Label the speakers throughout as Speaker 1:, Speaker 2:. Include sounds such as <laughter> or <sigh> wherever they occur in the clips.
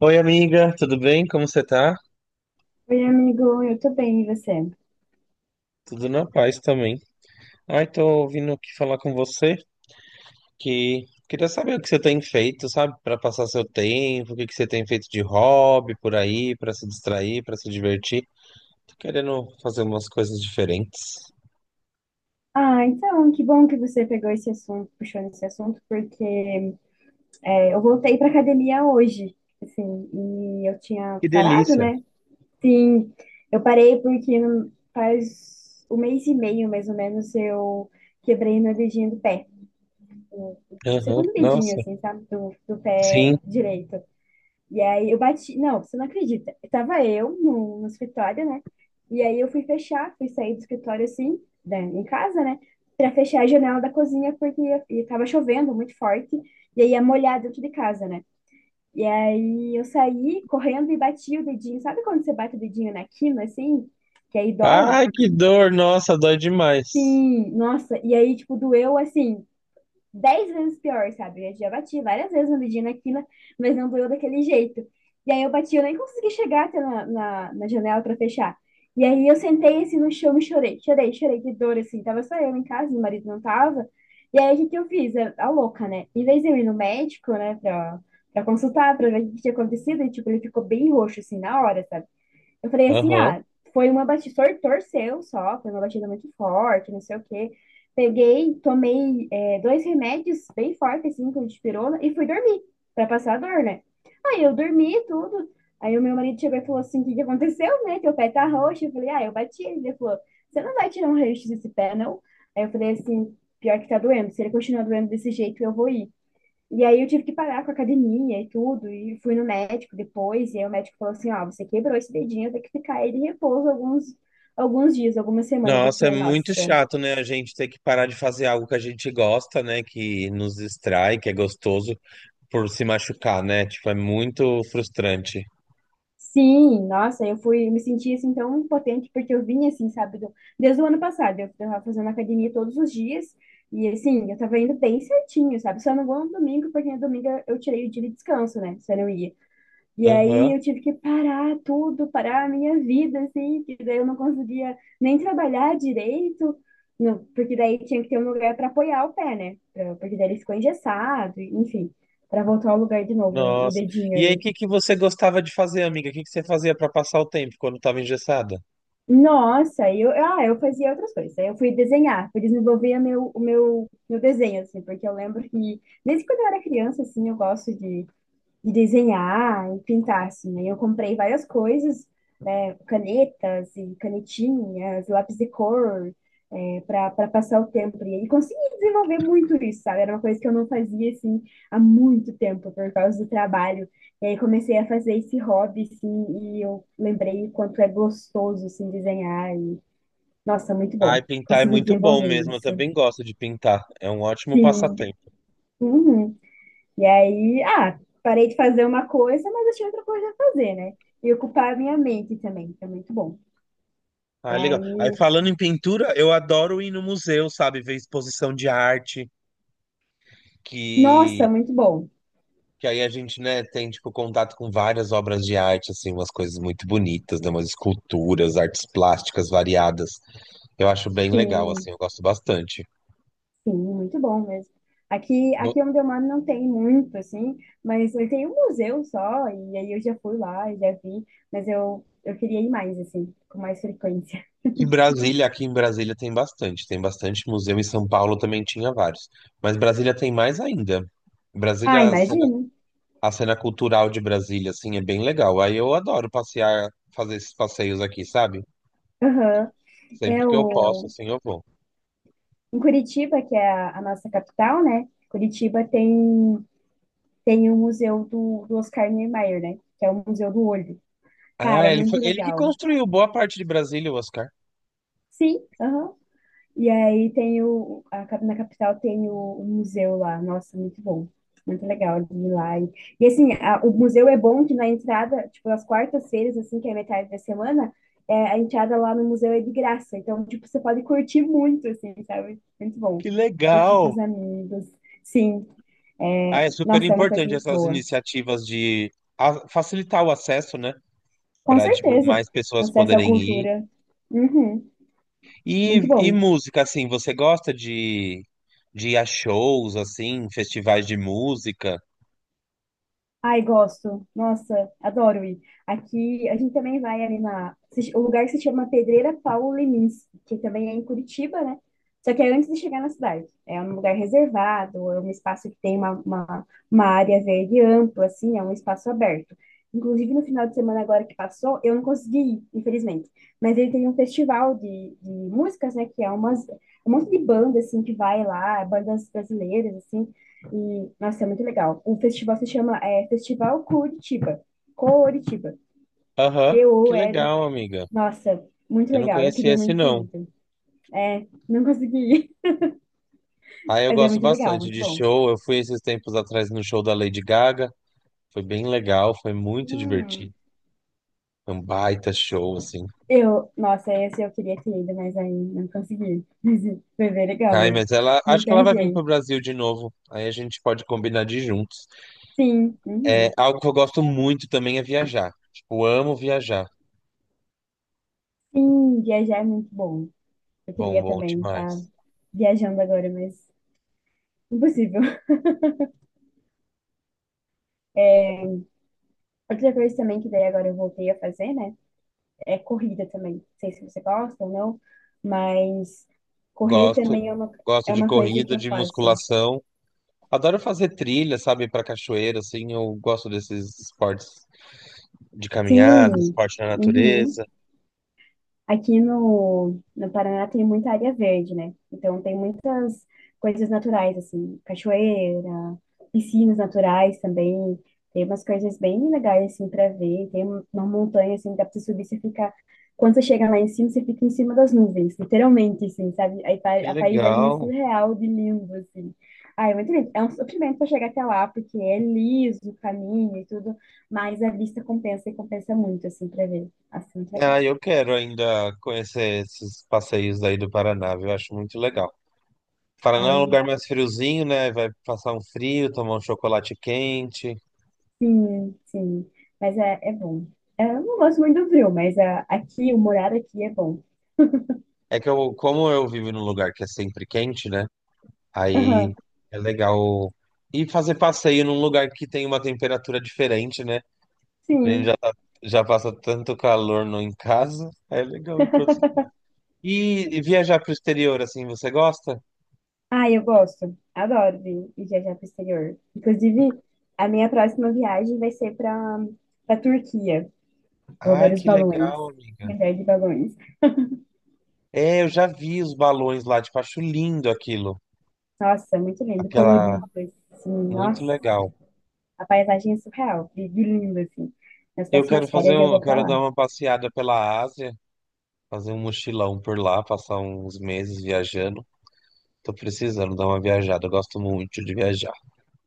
Speaker 1: Oi, amiga, tudo bem? Como você tá?
Speaker 2: Oi, amigo, eu tô bem, e você?
Speaker 1: Tudo na paz também. Ai, tô vindo aqui falar com você que queria saber o que você tem feito, sabe? Pra passar seu tempo, o que que você tem feito de hobby por aí, pra se distrair, pra se divertir. Tô querendo fazer umas coisas diferentes.
Speaker 2: Ah, então, que bom que você pegou esse assunto, puxou nesse assunto, porque eu voltei pra academia hoje, assim, e eu tinha
Speaker 1: Que
Speaker 2: parado,
Speaker 1: delícia.
Speaker 2: né? Sim, eu parei porque faz um mês e meio, mais ou menos, eu quebrei meu dedinho do pé. O o
Speaker 1: Aham,
Speaker 2: segundo dedinho,
Speaker 1: nossa.
Speaker 2: assim, sabe? Do pé
Speaker 1: Sim.
Speaker 2: direito. E aí eu bati. Não, você não acredita. Tava eu no escritório, né? E aí eu fui fechar, fui sair do escritório, assim, né, em casa, né? Pra fechar a janela da cozinha, porque e tava chovendo muito forte. E aí ia molhar dentro de casa, né? E aí eu saí correndo e bati o dedinho. Sabe quando você bate o dedinho na quina, assim? Que aí dói?
Speaker 1: Ai, que dor, nossa, dói demais.
Speaker 2: Sim, nossa. E aí, tipo, doeu assim 10 vezes pior, sabe? Eu já bati várias vezes na medida aqui, né? Mas não doeu daquele jeito. E aí eu bati, eu nem consegui chegar até na janela para fechar. E aí eu sentei assim no chão e chorei, chorei, chorei de dor, assim. Tava só eu em casa, meu marido não tava. E aí o que que eu fiz? A louca, né? Em vez de eu ir no médico, né, pra consultar, pra ver o que que tinha acontecido, e, tipo, ele ficou bem roxo, assim, na hora, sabe? Eu falei assim,
Speaker 1: Aham.
Speaker 2: ah, foi uma batida, torceu só, foi uma batida muito forte, não sei o quê. Peguei, tomei dois remédios bem fortes, assim, com dipirona, e fui dormir, pra passar a dor, né? Aí eu dormi e tudo. Aí o meu marido chegou e falou assim, o que que aconteceu, né? Teu pé tá roxo. Eu falei, ah, eu bati. Ele falou, você não vai tirar um raio desse pé, não? Aí eu falei assim, pior que tá doendo. Se ele continuar doendo desse jeito, eu vou ir. E aí eu tive que parar com a academia e tudo, e fui no médico depois, e aí o médico falou assim, ó, você quebrou esse dedinho, tem que ficar ele em repouso alguns, alguns dias, algumas semanas. Eu
Speaker 1: Nossa, é
Speaker 2: falei, nossa,
Speaker 1: muito chato, né? A gente ter que parar de fazer algo que a gente gosta, né? Que nos distrai, que é gostoso. Por se machucar, né? Tipo, é muito frustrante.
Speaker 2: sim, nossa, eu fui, me senti assim tão impotente, porque eu vinha assim, sabe, desde o ano passado, eu tava fazendo academia todos os dias, e assim, eu tava indo bem certinho, sabe, só não vou no domingo, porque no domingo eu tirei o dia de descanso, né, se eu não ia. E aí
Speaker 1: Aham.
Speaker 2: eu tive que parar tudo, parar a minha vida, assim, que daí eu não conseguia nem trabalhar direito, não, porque daí tinha que ter um lugar para apoiar o pé, né? Pra- porque daí ele ficou engessado, enfim, para voltar ao lugar de novo, o
Speaker 1: Nossa.
Speaker 2: dedinho
Speaker 1: E aí, o
Speaker 2: ali.
Speaker 1: que que você gostava de fazer, amiga? O que que você fazia pra passar o tempo quando tava engessada?
Speaker 2: Nossa, aí eu, ah, eu fazia outras coisas. Aí eu fui desenhar, fui desenvolver meu, o meu, meu desenho, assim, porque eu lembro que desde quando eu era criança, assim, eu gosto de desenhar e pintar, assim. Aí eu comprei várias coisas canetas e canetinhas, lápis de cor, para passar o tempo. E aí consegui desenvolver muito isso, sabe? Era uma coisa que eu não fazia, assim, há muito tempo, por causa do trabalho. E aí comecei a fazer esse hobby, assim, e eu lembrei o quanto é gostoso, assim, desenhar. E, nossa, muito bom.
Speaker 1: Ai, pintar é
Speaker 2: Consegui
Speaker 1: muito bom
Speaker 2: desenvolver
Speaker 1: mesmo. Eu
Speaker 2: isso.
Speaker 1: também gosto de pintar. É um ótimo
Speaker 2: Sim.
Speaker 1: passatempo.
Speaker 2: Uhum. E aí, ah, parei de fazer uma coisa, mas achei outra coisa a fazer, né? E ocupar a minha mente também, que é muito bom. E
Speaker 1: Ah, legal. Aí,
Speaker 2: aí,
Speaker 1: falando em pintura, eu adoro ir no museu, sabe? Ver exposição de arte,
Speaker 2: nossa,
Speaker 1: que,
Speaker 2: muito bom.
Speaker 1: que aí a gente, né, tem, tipo, contato com várias obras de arte, assim, umas coisas muito bonitas, né? Umas esculturas, artes plásticas variadas. Eu acho bem legal, assim,
Speaker 2: Sim,
Speaker 1: eu gosto bastante.
Speaker 2: sim, muito bom mesmo. Aqui,
Speaker 1: No-
Speaker 2: aqui onde eu moro não tem muito, assim, mas tem um museu só, e aí eu já fui lá, e já vi, mas eu queria ir mais, assim, com mais frequência. <laughs>
Speaker 1: Em Brasília, aqui em Brasília tem bastante museu, em São Paulo também tinha vários, mas Brasília tem mais ainda.
Speaker 2: Ah,
Speaker 1: Brasília,
Speaker 2: imagino.
Speaker 1: a cena cultural de Brasília, assim, é bem legal. Aí eu adoro passear, fazer esses passeios aqui, sabe?
Speaker 2: Aham. É
Speaker 1: Sempre que eu posso,
Speaker 2: o...
Speaker 1: assim, eu vou.
Speaker 2: Em Curitiba, que é a nossa capital, né? Curitiba tem, tem o museu do Oscar Niemeyer, né? Que é o Museu do Olho. Cara,
Speaker 1: Ah,
Speaker 2: é
Speaker 1: ele foi,
Speaker 2: muito
Speaker 1: ele que
Speaker 2: legal.
Speaker 1: construiu boa parte de Brasília, o Oscar.
Speaker 2: Sim, aham. E aí tem o, a cap- na capital tem o museu lá. Nossa, muito bom. Muito legal de ir lá. E assim, o museu é bom que na entrada, tipo, às quartas-feiras, assim, que é metade da semana, é, a entrada lá no museu é de graça. Então, tipo, você pode curtir muito, assim, sabe? Muito bom.
Speaker 1: Que
Speaker 2: Curtir com
Speaker 1: legal!
Speaker 2: os amigos. Sim,
Speaker 1: Ah,
Speaker 2: é,
Speaker 1: é super
Speaker 2: nossa, é uma coisa
Speaker 1: importante
Speaker 2: muito
Speaker 1: essas
Speaker 2: boa.
Speaker 1: iniciativas de facilitar o acesso, né?
Speaker 2: Com
Speaker 1: Para, tipo,
Speaker 2: certeza.
Speaker 1: mais pessoas
Speaker 2: Acesso à
Speaker 1: poderem ir.
Speaker 2: cultura. Uhum,
Speaker 1: E,
Speaker 2: muito
Speaker 1: e
Speaker 2: bom.
Speaker 1: música, assim, você gosta de ir a shows, assim, festivais de música?
Speaker 2: Ai, gosto. Nossa, adoro ir. Aqui, a gente também vai ali na... O lugar se chama Pedreira Paulo Lemins, que também é em Curitiba, né? Só que é antes de chegar na cidade. É um lugar reservado, é um espaço que tem uma área verde ampla, assim, é um espaço aberto. Inclusive, no final de semana agora que passou, eu não consegui ir, infelizmente. Mas ele tem um festival de músicas, né? Que é um monte de banda, assim, que vai lá, bandas brasileiras, assim. E, nossa, é muito legal. O festival se chama Festival Curitiba. Curitiba.
Speaker 1: Aham, que
Speaker 2: COL.
Speaker 1: legal, amiga.
Speaker 2: Nossa, muito
Speaker 1: Eu não
Speaker 2: legal. Eu
Speaker 1: conhecia
Speaker 2: queria
Speaker 1: esse,
Speaker 2: muito ter
Speaker 1: não.
Speaker 2: ido. É, não consegui ir. <laughs>
Speaker 1: Ah, eu
Speaker 2: Mas é
Speaker 1: gosto
Speaker 2: muito legal,
Speaker 1: bastante
Speaker 2: muito
Speaker 1: de
Speaker 2: bom.
Speaker 1: show. Eu fui esses tempos atrás no show da Lady Gaga. Foi bem legal, foi muito
Speaker 2: Hum.
Speaker 1: divertido. Foi um baita show, assim.
Speaker 2: Eu, nossa, esse eu queria ter ido, mas aí não consegui. <laughs> Mas foi bem legal,
Speaker 1: Ai,
Speaker 2: mas
Speaker 1: mas ela, acho que ela
Speaker 2: muita
Speaker 1: vai vir pro
Speaker 2: gente.
Speaker 1: Brasil de novo. Aí a gente pode combinar de ir juntos.
Speaker 2: Sim,
Speaker 1: É,
Speaker 2: uhum.
Speaker 1: algo que eu gosto muito também é viajar. Tipo, amo viajar.
Speaker 2: Sim, viajar é muito bom. Eu
Speaker 1: Bom,
Speaker 2: queria
Speaker 1: bom
Speaker 2: também estar
Speaker 1: demais.
Speaker 2: viajando agora, mas impossível. <laughs> Outra coisa também que daí agora eu voltei a fazer, né? É corrida também. Não sei se você gosta ou não, mas correr
Speaker 1: Gosto,
Speaker 2: também
Speaker 1: gosto
Speaker 2: é
Speaker 1: de
Speaker 2: uma coisa que
Speaker 1: corrida,
Speaker 2: eu
Speaker 1: de
Speaker 2: faço.
Speaker 1: musculação. Adoro fazer trilha, sabe, para cachoeira, assim. Eu gosto desses esportes de caminhada,
Speaker 2: Sim,
Speaker 1: esporte na
Speaker 2: uhum.
Speaker 1: natureza.
Speaker 2: Aqui no Paraná tem muita área verde, né? Então tem muitas coisas naturais, assim, cachoeira, piscinas naturais também. Tem umas coisas bem legais, assim, para ver. Tem uma montanha, assim, que dá pra você subir, você fica... Quando você chega lá em cima, você fica em cima das nuvens, literalmente, assim, sabe? Aí
Speaker 1: Que
Speaker 2: a paisagem é
Speaker 1: legal.
Speaker 2: surreal de lindo, assim. Ah, é muito lindo. É um sofrimento para chegar até lá, porque é liso o caminho e tudo, mas a vista compensa e compensa muito, assim, para ver. Assim, muito legal.
Speaker 1: Ah, eu quero ainda conhecer esses passeios aí do Paraná, viu? Eu acho muito legal. Paraná é um
Speaker 2: Ai,
Speaker 1: lugar mais friozinho, né? Vai passar um frio, tomar um chocolate quente.
Speaker 2: sim, sim. Mas é, é bom. É, eu não gosto muito do frio, mas ah, aqui, o morar aqui é bom.
Speaker 1: É que eu, como eu vivo num lugar que é sempre quente, né? Aí
Speaker 2: Aham,
Speaker 1: é legal. E fazer passeio num lugar que tem uma temperatura diferente, né? A gente
Speaker 2: sim.
Speaker 1: já, tá- Já passa tanto calor no em casa. É legal ir para outro
Speaker 2: <laughs>
Speaker 1: lugar. E, e viajar pro exterior, assim, você gosta?
Speaker 2: Ah, eu gosto. Adoro vir e viajar para o exterior. Inclusive, a minha próxima viagem vai ser para para Turquia. Vou ver
Speaker 1: Ai,
Speaker 2: os
Speaker 1: que
Speaker 2: balões.
Speaker 1: legal, amiga.
Speaker 2: Viajar de balões.
Speaker 1: É, eu já vi os balões lá, tipo, acho lindo aquilo.
Speaker 2: Nossa, muito lindo,
Speaker 1: Aquela.
Speaker 2: colorido, assim.
Speaker 1: Muito
Speaker 2: Nossa,
Speaker 1: legal.
Speaker 2: a paisagem é surreal. E lindo, assim. Nas
Speaker 1: Eu quero
Speaker 2: próximas
Speaker 1: fazer
Speaker 2: férias eu
Speaker 1: um, eu
Speaker 2: vou para
Speaker 1: quero dar
Speaker 2: lá.
Speaker 1: uma passeada pela Ásia, fazer um mochilão por lá, passar uns meses viajando. Tô precisando dar uma viajada, eu gosto muito de viajar.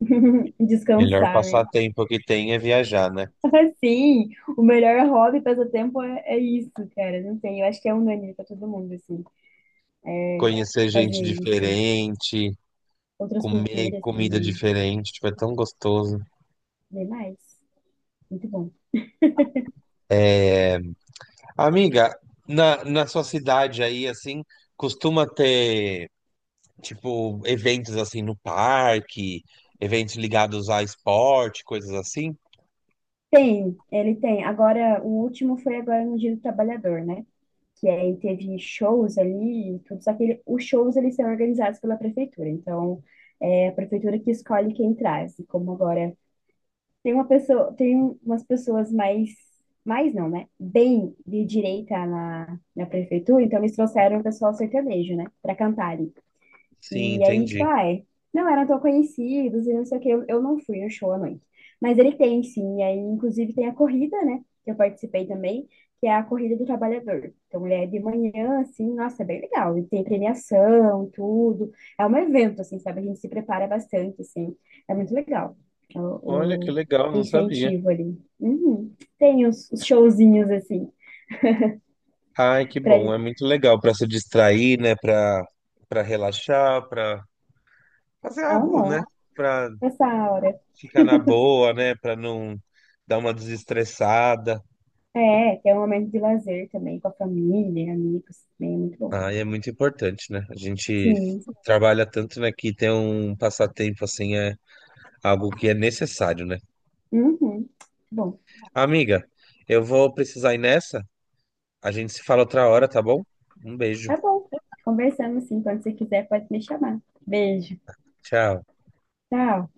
Speaker 2: <laughs>
Speaker 1: Melhor
Speaker 2: Descansar, né?
Speaker 1: passatempo que tem é viajar, né?
Speaker 2: <laughs> Assim, o melhor hobby, passatempo é, é isso, cara. Não sei, eu acho que é unânime pra todo mundo, assim, é
Speaker 1: Conhecer gente
Speaker 2: fazer isso.
Speaker 1: diferente.
Speaker 2: Outras
Speaker 1: Comer
Speaker 2: culturas
Speaker 1: comida
Speaker 2: também.
Speaker 1: diferente, tipo, é tão gostoso.
Speaker 2: Vem mais. Muito bom.
Speaker 1: Amiga, na sua cidade aí, assim, costuma ter, tipo, eventos assim no parque, eventos ligados a esporte, coisas assim?
Speaker 2: Tem, ele tem. Agora, o último foi agora no Dia do Trabalhador, né? Que aí teve shows ali e tudo. Só que ele- os shows, eles são organizados pela prefeitura. Então, é a prefeitura que escolhe quem traz. E como agora tem uma pessoa, tem umas pessoas mais, mais não, né? Bem de direita na prefeitura, então eles trouxeram o pessoal sertanejo, né? Pra cantarem.
Speaker 1: Sim,
Speaker 2: E aí, tipo,
Speaker 1: entendi.
Speaker 2: ai, não eram tão conhecidos e não sei o que, eu não fui no show à noite. Mas ele tem, sim, e aí, inclusive, tem a corrida, né, que eu participei também, que é a Corrida do Trabalhador. Então, ele é de manhã, assim, nossa, é bem legal. E tem premiação, tudo. É um evento, assim, sabe? A gente se prepara bastante, assim. É muito legal
Speaker 1: Olha
Speaker 2: o,
Speaker 1: que
Speaker 2: o,
Speaker 1: legal,
Speaker 2: o
Speaker 1: não sabia.
Speaker 2: incentivo ali. Uhum. Tem os showzinhos, assim,
Speaker 1: Ai, que
Speaker 2: pra...
Speaker 1: bom, é muito legal para se distrair, né, para relaxar, para fazer algo, né,
Speaker 2: Amo,
Speaker 1: para
Speaker 2: essa aura.
Speaker 1: ficar na boa, né, para não dar uma desestressada.
Speaker 2: É, que é um momento de lazer também com a família, amigos, também é muito bom.
Speaker 1: Ah, e é muito importante, né? A gente
Speaker 2: Sim.
Speaker 1: trabalha tanto, né, que ter um passatempo assim é algo que é necessário, né?
Speaker 2: Uhum. Muito bom,
Speaker 1: Amiga, eu vou precisar ir nessa. A gente se fala outra hora, tá bom? Um beijo.
Speaker 2: tá bom. Conversamos sim. Quando você quiser, pode me chamar. Beijo.
Speaker 1: Tchau.
Speaker 2: Tchau.